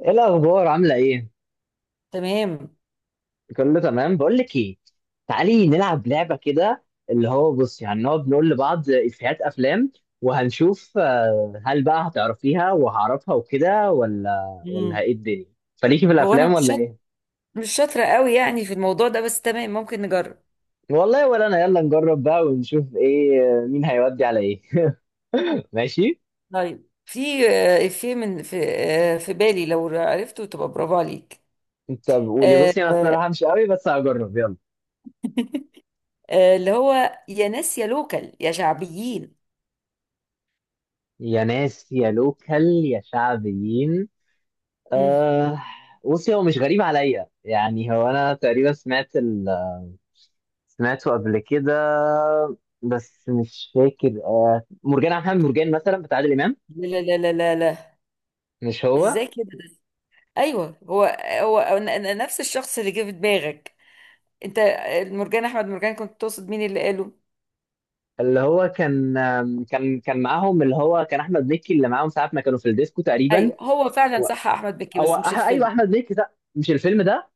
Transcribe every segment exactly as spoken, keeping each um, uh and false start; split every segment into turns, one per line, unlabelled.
ايه الاخبار؟ عامله ايه؟
تمام.
كله تمام. بقول لك ايه، تعالي نلعب لعبه كده. اللي هو بص، يعني نقعد نقول لبعض افيهات افلام وهنشوف، آه، هل بقى هتعرفيها وهعرفها وكده ولا ولا
امم
ايه الدنيا؟ فليكي في
هو انا
الافلام
مش
ولا
شاط...
ايه؟
مش شاطره قوي يعني في الموضوع ده، بس تمام، ممكن نجرب.
والله ولا انا. يلا نجرب بقى ونشوف ايه، آه، مين هيودي على ايه. ماشي.
طيب، في آه، في من في آه، في بالي، لو عرفته تبقى برافو عليك.
طب قولي،
آه،
بصي انا
آه،
الصراحه مش قوي بس هجرب، يلا.
آه، اللي هو يا ناس يا لوكال يا شعبيين.
يا ناس يا لوكال يا شعبيين.
مم.
أه. بصي، هو مش غريب عليا، يعني هو انا تقريبا سمعت ال... سمعته قبل كده، بس مش فاكر. أه، مرجان عبد الحميد، مرجان مثلا بتاع عادل امام؟
لا لا لا لا لا لا.
مش هو.
ازاي كده؟ ايوه هو. هو أنا- أنا نفس الشخص اللي جه في دماغك. انت آه، مرجان احمد مرجان كنت تقصد، مين اللي قاله؟
اللي هو كان آم، كان كان معاهم، اللي هو كان احمد مكي اللي معاهم ساعه ما كانوا في الديسكو تقريبا.
ايوه هو فعلا
و...
صح، احمد مكي،
او
بس مش
أح... ايوه،
الفيلم.
احمد مكي ده، مش الفيلم ده.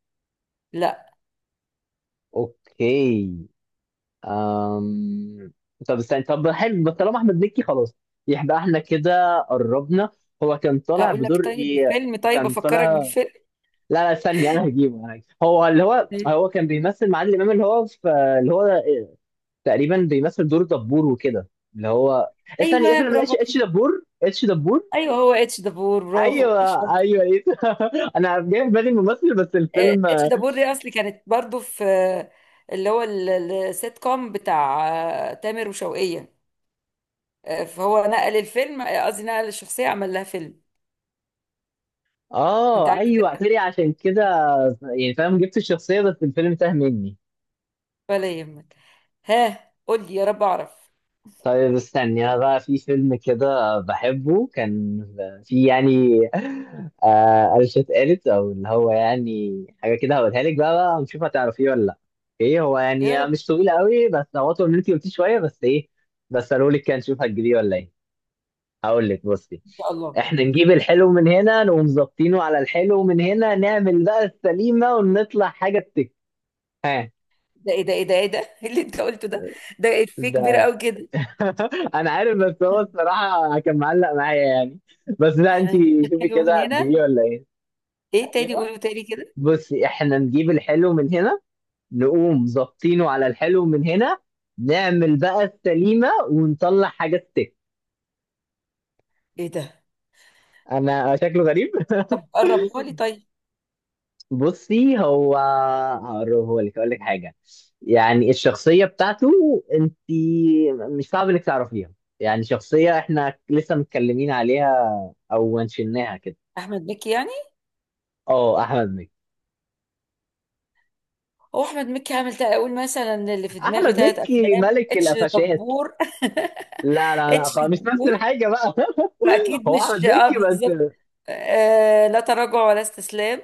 لا.
اوكي. أم... طب استنى، طب حلو، بس طالما احمد مكي خلاص، يبقى احنا كده قربنا. هو كان طالع
اقول لك؟
بدور
طيب
ايه؟
الفيلم، طيب
كان طالع،
افكرك بالفيلم.
لا لا ثانية، انا هجيبه انا هجيبه. هو اللي هو،
طيب.
هو كان بيمثل مع عادل امام، اللي هو في، اللي هو تقريبا بيمثل دور دبور وكده، اللي هو، ثانية،
ايوه
فيلم
برافو
اتش اتش
عليك.
دبور، اتش دبور.
ايوه هو اتش دبور، برافو
ايوه
شاطر.
ايوه ايه. انا جاي في بالي الممثل بس
آه،
الفيلم.
اتش دبور دي اصلي كانت برضو في آه، اللي هو ال- ال- السيت كوم بتاع آه، تامر وشوقية. آه، فهو نقل الفيلم، آه، قصدي نقل الشخصية، عمل لها فيلم. انت
اه
عارف
ايوه،
كده.
اعتري عشان كده. يعني فاهم، جبت الشخصية بس الفيلم تاه مني.
ولا يهمك. ها، قول لي يا رب اعرف.
طيب استني، انا بقى في فيلم كده بحبه كان، في يعني، آه قرشة قالت، او اللي هو يعني حاجه كده هقولها لك بقى بقى ونشوف هتعرفيه ولا لا. ايه هو
يا
يعني
رب.
مش طويل قوي، بس هو طول ان انت قلتيه شويه بس ايه، بس قالوا لك كده، نشوف هتجيبيه ولا ايه. هقول لك، بصي،
ان شاء الله.
احنا نجيب الحلو من هنا، نقوم ظابطينه على الحلو من هنا، نعمل بقى السليمه ونطلع حاجه تك. ها.
ده ايه ده ايه ده ايه ده؟ إيه اللي انت قلته ده؟ ده افيه كبير قوي كده.
انا عارف، بس هو الصراحه كان معلق معايا يعني. بس لا انت،
احنا هنجيب
شوفي
حاجة من
كده
هنا.
هتجيبيه ولا ايه.
ايه تاني؟
ايوه.
قولوا تاني كده.
بصي، احنا نجيب الحلو من هنا، نقوم ظابطينه على الحلو من هنا، نعمل بقى السليمه ونطلع حاجه ستيك.
ايه ده؟
انا شكله غريب.
طب قربها لي طيب.
بصي هو، هقربه لك، اقول لك حاجه، يعني الشخصيه بتاعته، انت مش صعب انك تعرفيها، يعني شخصيه احنا لسه متكلمين عليها، او منشناها كده.
احمد مكي يعني.
اه احمد مكي.
هو احمد مكي عامل تا- اقول مثلا اللي في دماغي
احمد
ثلاث
مكي
افلام،
ملك
اتش
القفشات.
دبور.
لا لا لا،
اتش
خلاص مش نفس
دبور.
الحاجه بقى.
واكيد
هو
مش
احمد
اه
مكي
بالظبط.
بس.
آه لا تراجع ولا استسلام.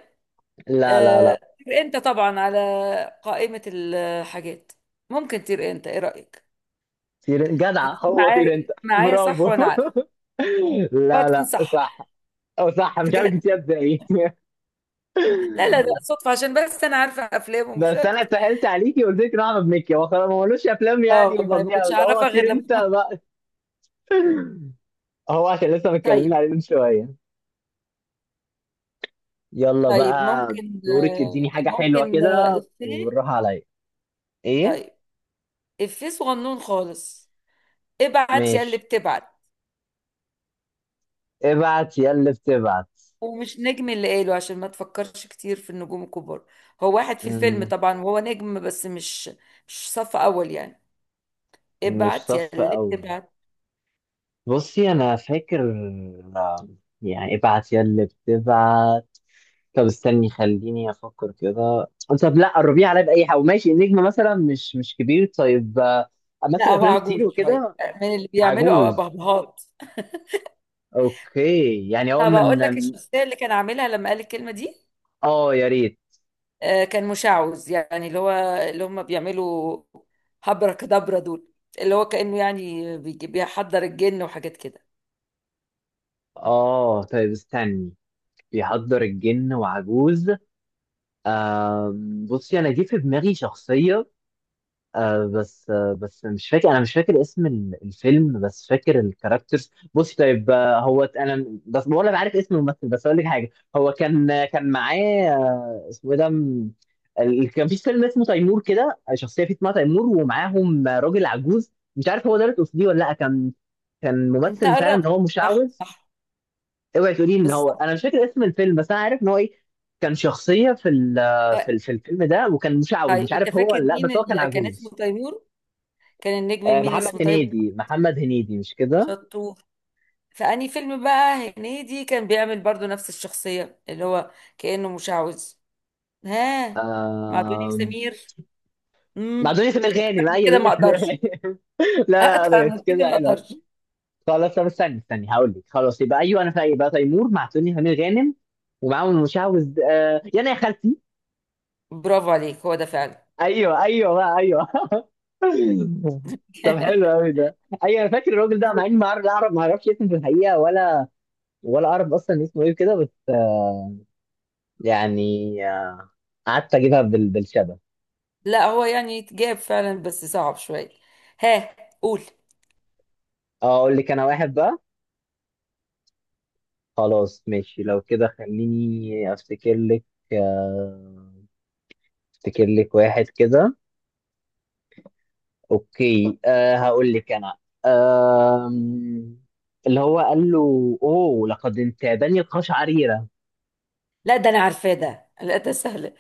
لا لا
آه
لا.
طير انت طبعا على قائمة الحاجات. ممكن تطير انت، ايه رأيك؟
طير جدع،
هتيجي
هو طير انت،
معايا معايا صح،
برافو.
وانا عارفه. اه
لا
تكون
لا،
صح.
صح. او صح، مش عارف
بجد.
جبتيها ازاي.
لا لا، ده صدفة عشان بس انا عارفة افلامه، مش
بس انا
اكتر.
سهلت عليكي وقلت لك إن هو احمد مكي، هو خلاص ما ملوش افلام
اه
يعني
والله ما
فظيعه
كنتش
أوي. هو
اعرفها غير
طير
لما...
انت بقى. هو عشان لسه متكلمين
طيب.
عليه من شويه. يلا
طيب،
بقى،
ممكن
دورك، اديني
آه،
حاجه حلوه
ممكن آه،
كده
افيه.
وبالراحه عليا. ايه؟
طيب افيه صغنون خالص. ابعت يا اللي
ماشي.
بتبعت.
ابعت يا اللي بتبعت.
ومش نجم اللي قاله، عشان ما تفكرش كتير في النجوم الكبار. هو واحد في الفيلم
مم،
طبعا، وهو نجم، بس مش مش صف اول يعني.
مش
ابعت يا
صف
اللي
أول.
بتبعت.
بصي أنا فاكر، آه، يعني ابعت يا اللي بتبعت. طب استني، خليني أفكر كده. طب لا، قربيه عليا بأي حاجة. ماشي، النجم مثلا مش مش كبير، طيب، آه،
لا،
مثل
هو
أفلام كتير
عجوز شويه،
وكده.
من اللي بيعملوا او
عجوز.
بهبهات.
أوكي، يعني هو
طب اقول
من.
لك الشخصيه اللي كان عاملها لما قال الكلمه دي.
آه يا ريت.
آه، كان مشعوذ، يعني اللي هو، اللي هم بيعملوا هبرك دبرة دول، اللي هو كأنه يعني بيجي- بيحضر الجن وحاجات كده.
آه طيب استني، بيحضر الجن وعجوز. آم، بصي أنا جه في دماغي شخصية، آه بس، آه بس مش فاكر، انا مش فاكر اسم ال- الفيلم، بس فاكر الكاركترز. بص طيب، آه هو ت- انا بس ولا عارف اسم الممثل، بس اقول لك حاجه. هو كان، آه، كان معاه، آه اسمه ايه ده، م- ال- كان في فيلم اسمه تيمور كده، شخصيه فيه اسمها تيمور، ومعاهم آه، راجل عجوز، مش عارف هو ده اللي تقصديه ولا لا. كان كان
انت
ممثل فعلا ان
قربت.
هو
صح
مشعوذ.
صح.
اوعي تقولي ان هو،
بالظبط.
انا مش فاكر اسم الفيلم بس انا عارف ان هو ايه. كان شخصيه في ال-
آه،
في ال- في الفيلم ده، وكان مشعوذ
طيب،
مش
انت
عارف هو
فاكر
ولا لا،
مين
بس هو كان
اللي كان اسمه
عجوز.
تيمور؟ كان النجم
آه،
مين
محمد
اسمه طيب؟
هنيدي، محمد هنيدي، مش كده؟
شطور. فأني فيلم بقى هنيدي كان بيعمل برضو نفس الشخصية، اللي هو كأنه مشعوذ. ها. مع دنيا
آم،
سمير.
مع
امم
دنيا سمير
اكتر
غانم،
من كده
ايوه
ما
دنيا سمير غانم.
اقدرش.
لا
اكتر
لا، مش
من كده
كده
ما
حلو.
اقدرش.
خلاص، طب استني استني، هقول لك، خلاص يبقى ايوه، انا فايق بقى، تيمور مع دنيا سمير غانم ومعاهم المشعوذ، آه، يانا يا خالتي.
برافو عليك، هو ده فعلا.
ايوه ايوه بقى، ايوه. طب حلو قوي ده. ايوه انا فاكر الراجل ده، مع اني ما اعرف، لا أعرف- ما اعرفش اسمه في الحقيقه، ولا ولا اعرف اصلا اسمه ايه كده، بس آه، يعني آه، قعدت اجيبها بال- بالشبه.
لا، هو يعني يتجاب فعلا بس صعب شوية. ها. قول.
اه اقول لك انا واحد بقى. خلاص ماشي، لو كده خليني افتكر لك، آه، افتكر لك واحد كده. اوكي أه، هقول لك انا، آم، اللي هو قال له، اوه لقد انتابني القش عريرة.
لا ده انا عارفاه ده، لا ده سهل.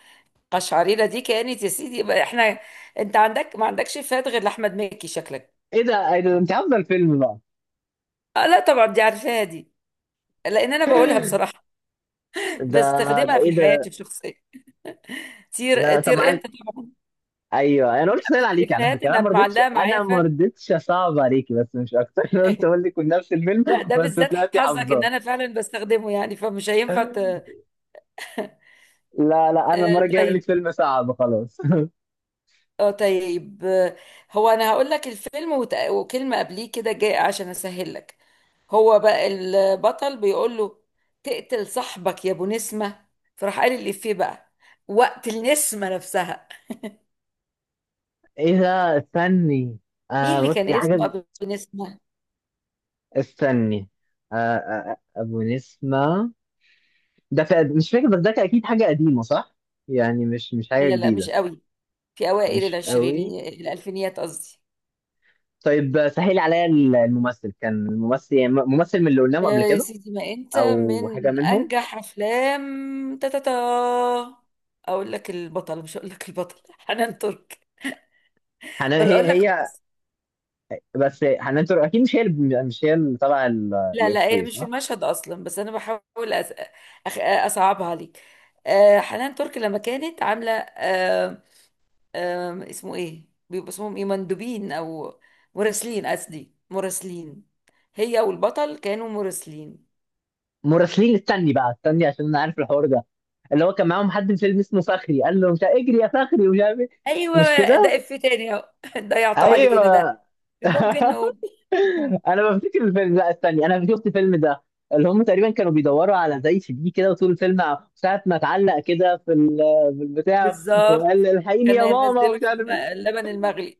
قشعريرة دي كانت، يا سيدي يبقى احنا. انت عندك ما عندكش، فات غير لاحمد مكي شكلك.
ايه ده، ايه ده، انت عارفه الفيلم بقى؟
آه لا طبعا دي عارفاها دي، لان انا بقولها بصراحة،
ده، ده
بستخدمها
ايه
في حياتي
ده؟
الشخصية. طير
لا طب
طير انت
معاك.
طبعا.
ايوه، انا قلت سهل
من
عليك على
الافيهات
فكره، انا
اللي
ما رضيتش،
معلقة معايا
انا ما
فعلا.
رضيتش اصعب عليكي بس مش اكتر. انا قلت اقول لك من نفس الفيلم.
لا ده
بس
بالذات
طلعتي
حظك ان
حافظاه.
انا فعلا بستخدمه يعني، فمش هينفع ت... آه،
لا لا، انا المره الجايه اقول لك
طيب.
فيلم صعب خلاص.
اه طيب. هو انا هقول لك الفيلم وت- وكلمة قبليه كده جاي عشان اسهل لك. هو بقى البطل بيقول له، تقتل صاحبك يا ابو نسمة. فراح قال الإفيه بقى، وقت النسمة نفسها.
ايه ده؟ استني،
مين
آه
اللي
بص
كان
دي حاجة.
اسمه ابو نسمة؟
استني، آه آه آه، ابو نسمة، ده في... مش فاكر، بس ده كان اكيد حاجة قديمة صح؟ يعني مش مش حاجة
لا لا مش
جديدة.
قوي، في اوائل
مش قوي.
العشرينيات، الالفينيات قصدي.
طيب سهل عليا، ال- الممثل كان، الممثل يعني ممثل من اللي قلناهم
آه
قبل
يا
كده،
سيدي ما انت
او حاجة
من
منهم.
انجح افلام. تاتاتا. اقول لك البطل، مش هقول لك البطل. حنان ترك.
حنان،
ولا
هي؟
اقول لك
هي،
خلاص.
بس حنان ترك اكيد مش هي اللي، مش هي اللي طالعة ال-
لا لا، هي
الافيه
مش في
صح؟
المشهد اصلا، بس انا بحاول أس... أخ... اصعبها عليك. آه حنان ترك لما كانت عامله آه آه اسمه ايه بيبقوا، اسمهم ايه، مندوبين او مراسلين، قصدي مراسلين. هي والبطل كانوا مراسلين.
مراسلين، استني بقى استني، عشان انا عارف الحوار ده. اللي هو كان معاهم حد في فيلم اسمه فخري، قال له مش اجري يا فخري، ومش عارف إيه. مش
ايوه
كده؟
ده اف تاني اهو. ضيعتوا علينا ده.
ايوه.
ممكن نقول.
انا بفتكر الفيلم، لا استني، انا شفت الفيلم ده. اللي هم تقريبا كانوا بيدوروا على زي سي دي كده، وطول الفيلم ع- ساعة ما اتعلق كده في ال- في البتاع، وقال
بالظبط.
الحقيني
كان
يا ماما،
ينزله
ومش
في
عارف
الم-
ايه.
اللبن المغلي.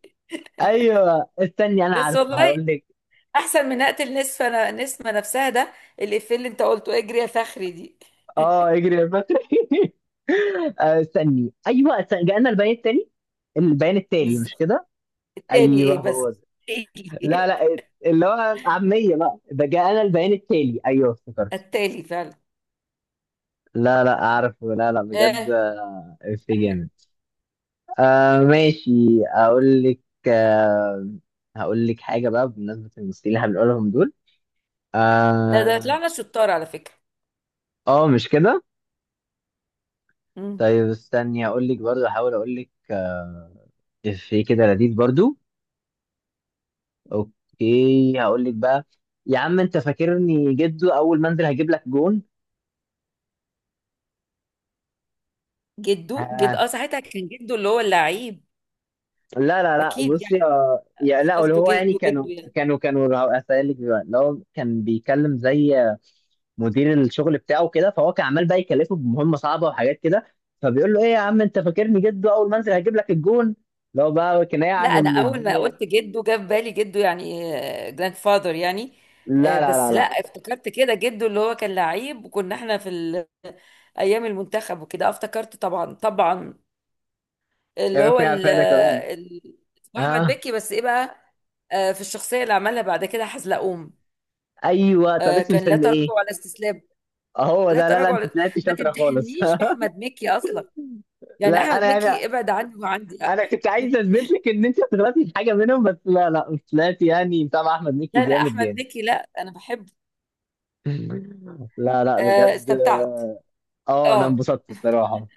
ايوه استني، انا
بس
عارفه
والله
هقول لك.
احسن من اقتل نصف انا نسمه نفسها ده، الافيه اللي انت قلته اجري يا فخري دي.
اه، اجري يا بكري. آه، استني، ايوه استني، جاءنا البيان التالي. البيان التالي، مش
بالظبط.
كده؟
تاني
ايوه
ايه بس؟
هو ده. لا لا، اللي هو عاميه بقى ده، جاءنا البيان التالي، ايوه افتكرت.
التالي فعلا.
لا لا اعرف، لا لا، بجد.
ها.
في جامد. آه ماشي، اقول لك، آه، هقول لك حاجه بقى بمناسبه الممثلين اللي هنقولهم دول.
ده ده
اه.
طلعنا شطار على فكرة.
آه، مش كده؟
مم.
طيب استني، هقول لك برضو، هحاول اقول لك، آه، في كده لذيذ برضو. اوكي هقول لك بقى، يا عم انت فاكرني جدو، اول ما انزل هجيب لك جون.
جده جد
آه.
اه ساعتها كان جده اللي هو اللعيب.
لا لا لا،
اكيد
بصي،
يعني،
آه يا
مش
لا، اللي
قصده
هو يعني
جده
كانوا،
جده يعني.
كانوا كانوا هسألك دلوقتي، اللي هو كان بيتكلم زي مدير الشغل بتاعه كده، فهو كان عمال بقى يكلفه بمهمه صعبه وحاجات كده، فبيقول له ايه يا عم انت فاكرني جد، اول ما انزل هجيب لك الجون. لو بقى كنايه
لا
عن
انا
ان
اول ما
الدنيا.
قلت جده، جه في بالي جده يعني، جراند فاذر يعني. آه،
لا لا
بس
لا
لا
لا
افتكرت كده، جده اللي هو كان لعيب وكنا احنا في ال- ايام المنتخب وكده، آه، افتكرت طبعا طبعا.
يا
اللي هو
بيكون عارف
ال-
ده كمان.
ال- اسمه احمد
اه،
بكي، بس ايه بقى؟ آه، في الشخصيه اللي عملها بعد كده حزلقوم،
ايوه. طب
آه،
اسم
كان لا
الفيلم ايه؟
تراجع ولا استسلام.
اهو
لا
ده، لا لا
تراجع
انت
ولا...
طلعت
ما
شاطره خالص.
تمتحنيش باحمد مكي اصلا، يعني
لا انا
احمد مكي
يعني،
ابعد عني وعندي لا.
انا كنت عايز اثبت لك ان انت طلعتي في حاجه منهم، بس لا لا مش طلعتي، يعني متابع احمد مكي
لا لا،
جامد
احمد
جامد.
مكي لا، انا بحبه.
لا لا
آه،
بجد.
استمتعت.
اه انا
اه.
انبسطت الصراحه.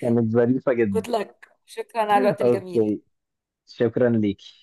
كانت ظريفه جدا.
جود لك، شكرا على الوقت الجميل.
اوكي، شكرا ليك.